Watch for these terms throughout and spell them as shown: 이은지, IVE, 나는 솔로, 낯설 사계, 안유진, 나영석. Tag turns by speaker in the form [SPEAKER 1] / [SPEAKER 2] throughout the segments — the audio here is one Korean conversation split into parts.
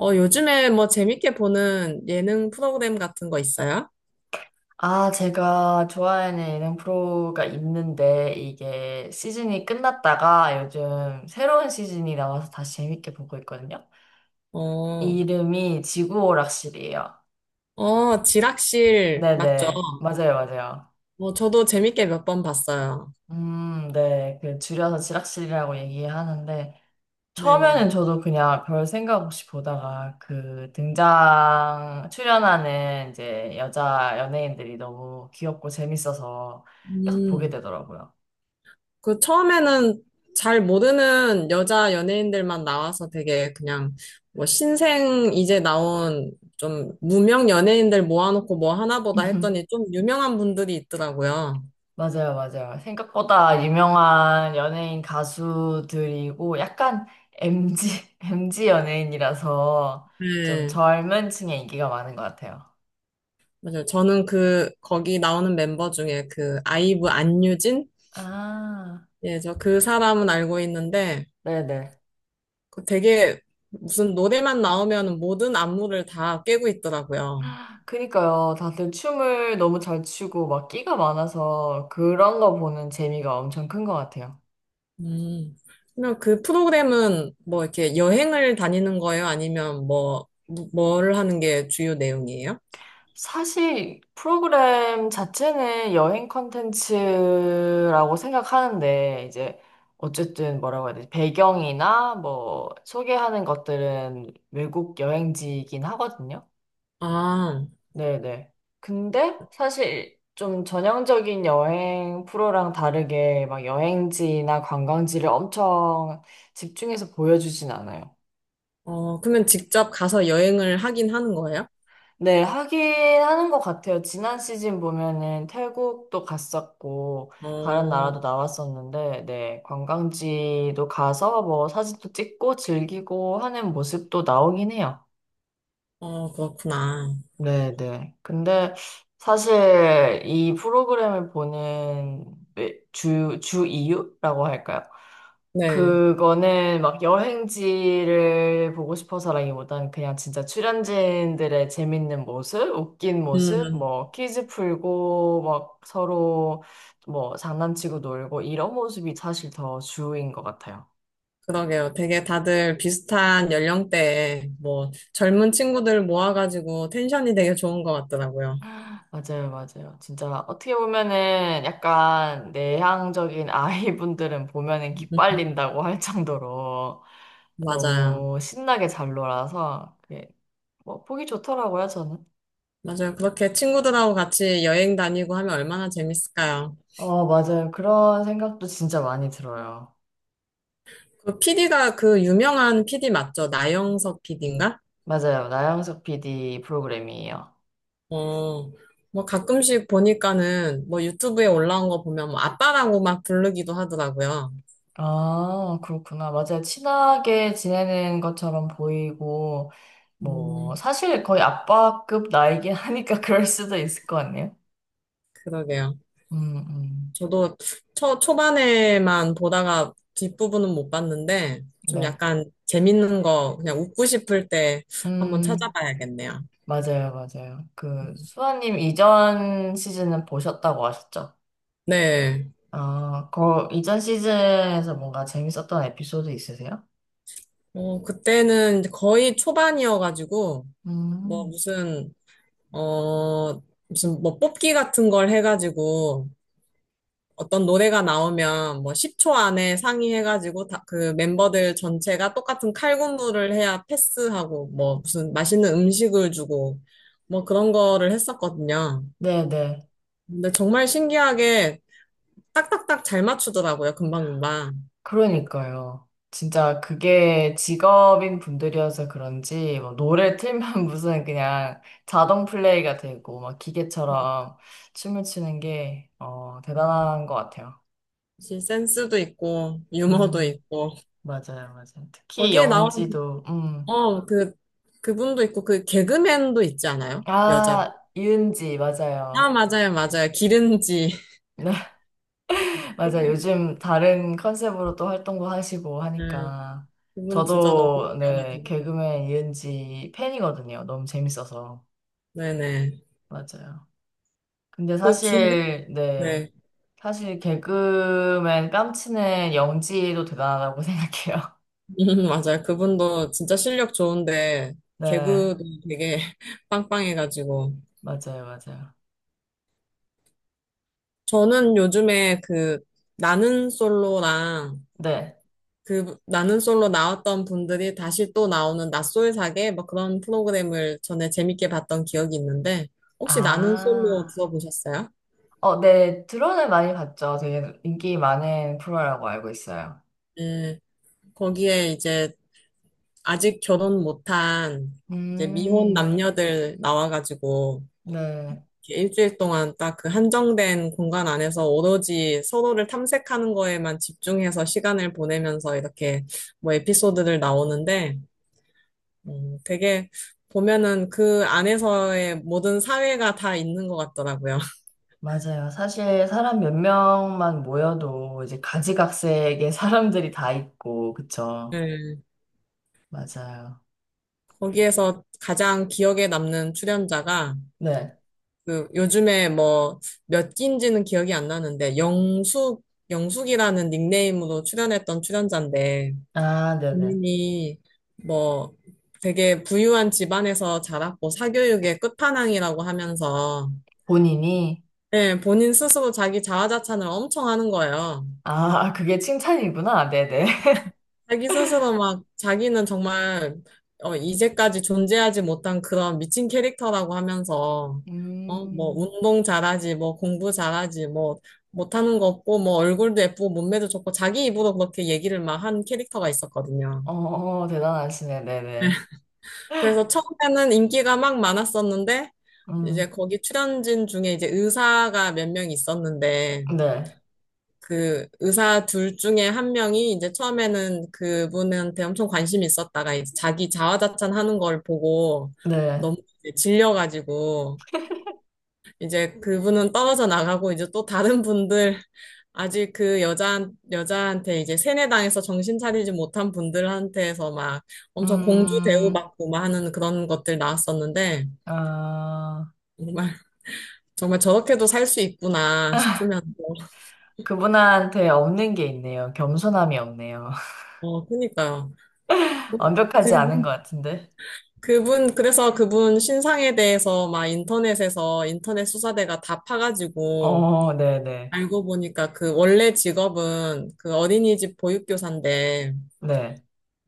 [SPEAKER 1] 요즘에 뭐 재밌게 보는 예능 프로그램 같은 거 있어요?
[SPEAKER 2] 아, 제가 좋아하는 예능 프로가 있는데, 이게 시즌이 끝났다가 요즘 새로운 시즌이 나와서 다시 재밌게 보고 있거든요.
[SPEAKER 1] 어,
[SPEAKER 2] 이름이 지구오락실이에요.
[SPEAKER 1] 지락실 맞죠?
[SPEAKER 2] 네네. 맞아요, 맞아요.
[SPEAKER 1] 저도 재밌게 몇 번 봤어요.
[SPEAKER 2] 네. 그 줄여서 지락실이라고 얘기하는데,
[SPEAKER 1] 네네.
[SPEAKER 2] 처음에는 저도 그냥 별 생각 없이 보다가 그 등장, 출연하는 이제 여자 연예인들이 너무 귀엽고 재밌어서 계속 보게
[SPEAKER 1] 음,
[SPEAKER 2] 되더라고요.
[SPEAKER 1] 그 처음에는 잘 모르는 여자 연예인들만 나와서 되게 그냥 뭐 신생 이제 나온 좀 무명 연예인들 모아놓고 뭐 하나 보다 했더니 좀 유명한 분들이 있더라고요.
[SPEAKER 2] 맞아요, 맞아요. 생각보다 유명한 연예인 가수들이고 약간 MG, MG 연예인이라서 좀
[SPEAKER 1] 네.
[SPEAKER 2] 젊은 층에 인기가 많은 것 같아요.
[SPEAKER 1] 맞아요. 저는 그, 거기 나오는 멤버 중에 그, 아이브 안유진?
[SPEAKER 2] 아,
[SPEAKER 1] 예, 저 그 사람은 알고 있는데
[SPEAKER 2] 네네.
[SPEAKER 1] 그 되게 무슨 노래만 나오면 모든 안무를 다 깨고 있더라고요.
[SPEAKER 2] 그니까요. 다들 춤을 너무 잘 추고 막 끼가 많아서 그런 거 보는 재미가 엄청 큰 것 같아요.
[SPEAKER 1] 음. 그러면 그 프로그램은 뭐 이렇게 여행을 다니는 거예요? 아니면 뭐, 뭘 하는 게 주요 내용이에요?
[SPEAKER 2] 사실 프로그램 자체는 여행 컨텐츠라고 생각하는데 이제 어쨌든 뭐라고 해야 되지? 배경이나 뭐 소개하는 것들은 외국 여행지이긴 하거든요.
[SPEAKER 1] 아,
[SPEAKER 2] 네네. 근데 사실 좀 전형적인 여행 프로랑 다르게 막 여행지나 관광지를 엄청 집중해서 보여주진 않아요.
[SPEAKER 1] 그러면 직접 가서 여행을 하긴 하는 거예요?
[SPEAKER 2] 네, 하긴 하는 것 같아요. 지난 시즌 보면은 태국도 갔었고, 다른 나라도
[SPEAKER 1] 어,
[SPEAKER 2] 나왔었는데, 네, 관광지도 가서 뭐 사진도 찍고 즐기고 하는 모습도 나오긴 해요.
[SPEAKER 1] 그렇구나.
[SPEAKER 2] 네네. 근데 사실 이 프로그램을 보는 주, 주 이유라고 할까요?
[SPEAKER 1] 네.
[SPEAKER 2] 그거는 막 여행지를 보고 싶어서라기보단 그냥 진짜 출연진들의 재밌는 모습, 웃긴 모습,
[SPEAKER 1] 음,
[SPEAKER 2] 뭐 퀴즈 풀고 막 서로 뭐 장난치고 놀고 이런 모습이 사실 더 주인 것 같아요.
[SPEAKER 1] 그러게요. 되게 다들 비슷한 연령대에 뭐 젊은 친구들 모아가지고 텐션이 되게 좋은 것 같더라고요.
[SPEAKER 2] 맞아요, 맞아요. 진짜 어떻게 보면은 약간 내향적인 아이분들은 보면은
[SPEAKER 1] 음,
[SPEAKER 2] 기빨린다고 할 정도로
[SPEAKER 1] 맞아요.
[SPEAKER 2] 너무 신나게 잘 놀아서 그게 뭐 보기 좋더라고요, 저는.
[SPEAKER 1] 맞아요. 그렇게 친구들하고 같이 여행 다니고 하면 얼마나 재밌을까요?
[SPEAKER 2] 어, 맞아요. 그런 생각도 진짜 많이 들어요.
[SPEAKER 1] 그 PD가 그 유명한 PD 맞죠? 나영석 PD인가?
[SPEAKER 2] 맞아요. 나영석 PD 프로그램이에요.
[SPEAKER 1] 어, 뭐 가끔씩 보니까는 뭐 유튜브에 올라온 거 보면 뭐 아빠라고 막 부르기도 하더라고요.
[SPEAKER 2] 아, 그렇구나. 맞아요. 친하게 지내는 것처럼 보이고, 뭐,
[SPEAKER 1] 음,
[SPEAKER 2] 사실 거의 아빠급 나이긴 하니까 그럴 수도 있을 것 같네요.
[SPEAKER 1] 그러게요.
[SPEAKER 2] 음, 음.
[SPEAKER 1] 저도 초반에만 보다가 뒷부분은 못 봤는데 좀
[SPEAKER 2] 네.
[SPEAKER 1] 약간 재밌는 거 그냥 웃고 싶을 때 한번
[SPEAKER 2] 음,
[SPEAKER 1] 찾아봐야겠네요.
[SPEAKER 2] 맞아요, 맞아요. 그, 수아님 이전 시즌은 보셨다고 하셨죠?
[SPEAKER 1] 네.
[SPEAKER 2] 아, 그, 이전 시즌에서 뭔가 재밌었던 에피소드 있으세요?
[SPEAKER 1] 그때는 이제 거의 초반이어가지고 뭐
[SPEAKER 2] 음,
[SPEAKER 1] 무슨, 어, 무슨 뭐 뽑기 같은 걸 해가지고 어떤 노래가 나오면 뭐 10초 안에 상의해가지고 다, 그 멤버들 전체가 똑같은 칼군무를 해야 패스하고 뭐 무슨 맛있는 음식을 주고 뭐 그런 거를 했었거든요.
[SPEAKER 2] 네네.
[SPEAKER 1] 근데 정말 신기하게 딱딱딱 잘 맞추더라고요. 금방금방.
[SPEAKER 2] 그러니까요. 진짜 그게 직업인 분들이어서 그런지, 뭐, 노래 틀면 무슨 그냥 자동 플레이가 되고, 막 기계처럼 춤을 추는 게, 어,
[SPEAKER 1] 음,
[SPEAKER 2] 대단한 것 같아요.
[SPEAKER 1] 역시 센스도 있고 유머도
[SPEAKER 2] 음,
[SPEAKER 1] 있고
[SPEAKER 2] 맞아요, 맞아요. 특히
[SPEAKER 1] 거기에 나오는
[SPEAKER 2] 영지도,
[SPEAKER 1] 어, 그 그분도 있고 그 개그맨도 있지 않아요? 여자.
[SPEAKER 2] 아, 이은지,
[SPEAKER 1] 아,
[SPEAKER 2] 맞아요.
[SPEAKER 1] 맞아요, 맞아요. 기른지.
[SPEAKER 2] 맞아요. 요즘 다른 컨셉으로 또 활동도 하시고
[SPEAKER 1] 음.
[SPEAKER 2] 하니까.
[SPEAKER 1] 그분 진짜 너무
[SPEAKER 2] 저도, 네,
[SPEAKER 1] 웃겨가지고.
[SPEAKER 2] 개그맨 이은지 팬이거든요. 너무 재밌어서.
[SPEAKER 1] 네네.
[SPEAKER 2] 맞아요. 근데
[SPEAKER 1] 그 기,
[SPEAKER 2] 사실, 네,
[SPEAKER 1] 네.
[SPEAKER 2] 사실 개그맨 깜치는 영지도 대단하다고 생각해요.
[SPEAKER 1] 맞아요. 그분도 진짜 실력 좋은데,
[SPEAKER 2] 네,
[SPEAKER 1] 개그도 되게 빵빵해가지고.
[SPEAKER 2] 맞아요, 맞아요.
[SPEAKER 1] 저는 요즘에 그, 나는 솔로랑,
[SPEAKER 2] 네.
[SPEAKER 1] 그, 나는 솔로 나왔던 분들이 다시 또 나오는 낯설 사계, 뭐 그런 프로그램을 전에 재밌게 봤던 기억이 있는데, 혹시 나는 솔로
[SPEAKER 2] 아,
[SPEAKER 1] 들어보셨어요?
[SPEAKER 2] 어, 네, 드론을 많이 봤죠. 되게 인기 많은 프로라고 알고 있어요.
[SPEAKER 1] 네. 거기에 이제 아직 결혼 못한 이제 미혼
[SPEAKER 2] 음,
[SPEAKER 1] 남녀들 나와가지고
[SPEAKER 2] 네.
[SPEAKER 1] 이렇게 일주일 동안 딱 그 한정된 공간 안에서 오로지 서로를 탐색하는 거에만 집중해서 시간을 보내면서 이렇게 뭐 에피소드들 나오는데 되게 보면은 그 안에서의 모든 사회가 다 있는 것 같더라고요.
[SPEAKER 2] 맞아요. 사실 사람 몇 명만 모여도 이제 가지각색의 사람들이 다 있고, 그쵸?
[SPEAKER 1] 네.
[SPEAKER 2] 맞아요.
[SPEAKER 1] 거기에서 가장 기억에 남는 출연자가
[SPEAKER 2] 네.
[SPEAKER 1] 그 요즘에 뭐 몇 기인지는 기억이 안 나는데 영숙이라는 닉네임으로 출연했던 출연자인데
[SPEAKER 2] 아, 네네.
[SPEAKER 1] 본인이 뭐 되게 부유한 집안에서 자랐고 사교육의 끝판왕이라고 하면서
[SPEAKER 2] 본인이?
[SPEAKER 1] 예, 본인 스스로 자기 자화자찬을 엄청 하는 거예요.
[SPEAKER 2] 아, 그게 칭찬이구나. 네네.
[SPEAKER 1] 자기 스스로 막 자기는 정말 이제까지 존재하지 못한 그런 미친 캐릭터라고 하면서 뭐
[SPEAKER 2] 음,
[SPEAKER 1] 운동 잘하지, 뭐 공부 잘하지, 뭐 못하는 거 없고 뭐 얼굴도 예쁘고 몸매도 좋고 자기 입으로 그렇게 얘기를 막 한 캐릭터가 있었거든요.
[SPEAKER 2] 어, 어, 대단하시네. 네네.
[SPEAKER 1] 그래서 처음에는 인기가 막 많았었는데 이제
[SPEAKER 2] 음,
[SPEAKER 1] 거기 출연진 중에 이제 의사가 몇 명 있었는데
[SPEAKER 2] 네.
[SPEAKER 1] 그 의사 둘 중에 한 명이 이제 처음에는 그분한테 엄청 관심이 있었다가 이제 자기 자화자찬하는 걸 보고
[SPEAKER 2] 네.
[SPEAKER 1] 너무 이제 질려가지고 이제 그분은 떨어져 나가고 이제 또 다른 분들 아직 그 여자한테 이제 세뇌당해서 정신 차리지 못한 분들한테서 막 엄청 공주
[SPEAKER 2] 음,
[SPEAKER 1] 대우받고 막 하는 그런 것들 나왔었는데
[SPEAKER 2] 아,
[SPEAKER 1] 정말 정말 저렇게도 살 수 있구나 싶으면서
[SPEAKER 2] 그분한테 없는 게 있네요. 겸손함이 없네요.
[SPEAKER 1] 어 그니까요. 그
[SPEAKER 2] 완벽하지 않은 것 같은데.
[SPEAKER 1] 그래서 그분 신상에 대해서 막 인터넷에서 인터넷 수사대가 다 파가지고
[SPEAKER 2] 어, 네네.
[SPEAKER 1] 알고 보니까 그 원래 직업은 그 어린이집 보육교사인데
[SPEAKER 2] 네.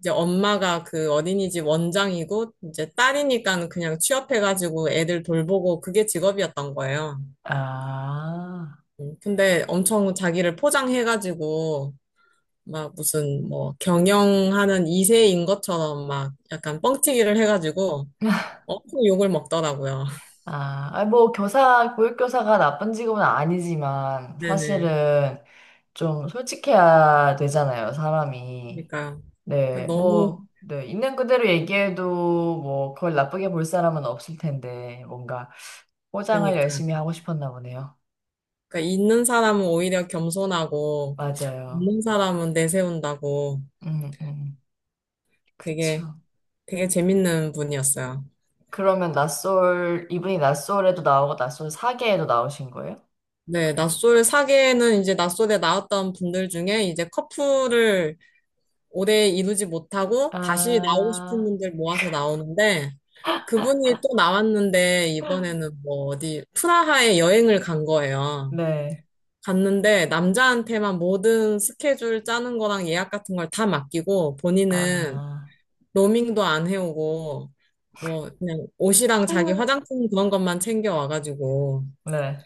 [SPEAKER 1] 이제 엄마가 그 어린이집 원장이고 이제 딸이니까 그냥 취업해가지고 애들 돌보고 그게 직업이었던 거예요.
[SPEAKER 2] 아.
[SPEAKER 1] 근데 엄청 자기를 포장해가지고 막 무슨 뭐 경영하는 2세인 것처럼 막 약간 뻥튀기를 해가지고 엄청 욕을 먹더라고요.
[SPEAKER 2] 아, 아니 뭐 교사, 보육교사가 나쁜 직업은 아니지만
[SPEAKER 1] 네네.
[SPEAKER 2] 사실은 좀 솔직해야 되잖아요, 사람이.
[SPEAKER 1] 그러니까요.
[SPEAKER 2] 네,
[SPEAKER 1] 그러니까 너무,
[SPEAKER 2] 뭐, 네, 있는 그대로 얘기해도 뭐 그걸 나쁘게 볼 사람은 없을 텐데 뭔가
[SPEAKER 1] 그러
[SPEAKER 2] 포장을
[SPEAKER 1] 니까
[SPEAKER 2] 열심히 하고 싶었나 보네요.
[SPEAKER 1] 있는 사람은 오히려 겸손하고,
[SPEAKER 2] 맞아요.
[SPEAKER 1] 없는 사람은 내세운다고
[SPEAKER 2] 음, 음,
[SPEAKER 1] 되게,
[SPEAKER 2] 그쵸.
[SPEAKER 1] 되게 재밌는 분이었어요.
[SPEAKER 2] 그러면 낯솔, 이분이 낯솔에도 나오고 낯솔 사계에도 나오신 거예요?
[SPEAKER 1] 네, 낯솔 사계는 이제 낯솔에 나왔던 분들 중에 이제 커플을 오래 이루지 못하고 다시 나오고 싶은
[SPEAKER 2] 아,
[SPEAKER 1] 분들 모아서 나오는데, 그분이 또 나왔는데, 이번에는 뭐 어디, 프라하에 여행을 간 거예요.
[SPEAKER 2] 네.
[SPEAKER 1] 갔는데 남자한테만 모든 스케줄 짜는 거랑 예약 같은 걸 다 맡기고 본인은
[SPEAKER 2] 아,
[SPEAKER 1] 로밍도 안 해오고 뭐 그냥 옷이랑 자기 화장품 그런 것만 챙겨 와가지고
[SPEAKER 2] 네.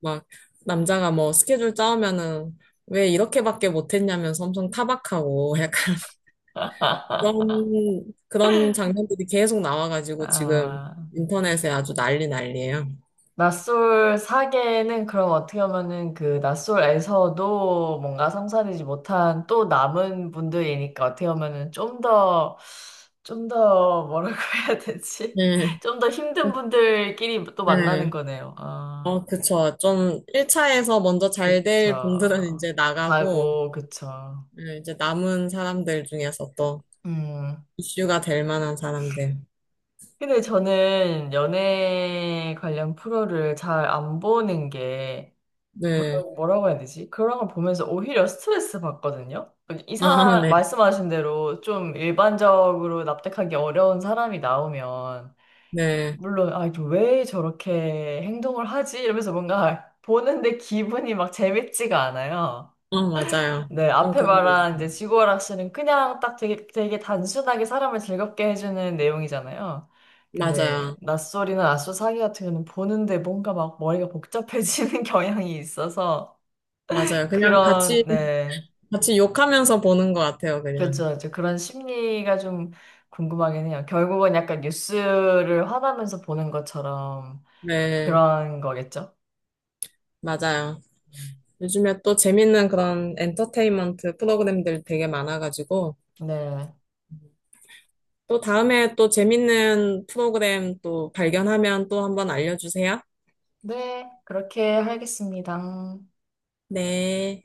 [SPEAKER 1] 막 남자가 뭐 스케줄 짜오면은 왜 이렇게밖에 못했냐면서 엄청 타박하고 약간 그런 장면들이 계속 나와가지고 지금
[SPEAKER 2] 아,
[SPEAKER 1] 인터넷에 아주 난리 난리예요.
[SPEAKER 2] 낯솔 사계는 그럼 어떻게 보면은 그 낯솔에서도 뭔가 성사되지 못한 또 남은 분들이니까 어떻게 보면은 좀 더, 좀 더 뭐라고 해야 되지?
[SPEAKER 1] 네.
[SPEAKER 2] 좀 더 힘든
[SPEAKER 1] 어,
[SPEAKER 2] 분들끼리 또 만나는
[SPEAKER 1] 네.
[SPEAKER 2] 거네요.
[SPEAKER 1] 어,
[SPEAKER 2] 아,
[SPEAKER 1] 그쵸. 좀 1차에서 먼저 잘될 분들은
[SPEAKER 2] 그쵸.
[SPEAKER 1] 이제 나가고,
[SPEAKER 2] 가고, 그쵸.
[SPEAKER 1] 네, 이제 남은 사람들 중에서 또
[SPEAKER 2] 음.
[SPEAKER 1] 이슈가 될 만한 사람들.
[SPEAKER 2] 근데 저는 연애 관련 프로를 잘 안 보는 게
[SPEAKER 1] 네.
[SPEAKER 2] 뭐라고, 뭐라고 해야 되지? 그런 걸 보면서 오히려 스트레스 받거든요.
[SPEAKER 1] 아,
[SPEAKER 2] 이상,
[SPEAKER 1] 네.
[SPEAKER 2] 말씀하신 대로 좀 일반적으로 납득하기 어려운 사람이 나오면,
[SPEAKER 1] 네.
[SPEAKER 2] 물론, 아, 이거 왜 저렇게 행동을 하지? 이러면서 뭔가 보는데 기분이 막 재밌지가 않아요.
[SPEAKER 1] 어, 맞아요.
[SPEAKER 2] 네,
[SPEAKER 1] 좀
[SPEAKER 2] 앞에
[SPEAKER 1] 그런 게 있어요.
[SPEAKER 2] 말한 이제 지구오락실은 그냥 딱 되게, 되게 단순하게 사람을 즐겁게 해주는 내용이잖아요. 근데
[SPEAKER 1] 맞아요.
[SPEAKER 2] 낯설이나 낯설 사기 같은 경우는 보는데 뭔가 막 머리가 복잡해지는 경향이 있어서
[SPEAKER 1] 맞아요.
[SPEAKER 2] 그런, 네.
[SPEAKER 1] 같이 욕하면서 보는 것 같아요, 그냥.
[SPEAKER 2] 그렇죠. 이제 그런 심리가 좀 궁금하긴 해요. 결국은 약간 뉴스를 화나면서 보는 것처럼
[SPEAKER 1] 네.
[SPEAKER 2] 그런 거겠죠?
[SPEAKER 1] 맞아요.
[SPEAKER 2] 음.
[SPEAKER 1] 요즘에 또 재밌는 그런 엔터테인먼트 프로그램들 되게 많아가지고,
[SPEAKER 2] 네.
[SPEAKER 1] 또 다음에 또 재밌는 프로그램 또 발견하면 또 한번 알려주세요.
[SPEAKER 2] 네, 그렇게 하겠습니다.
[SPEAKER 1] 네.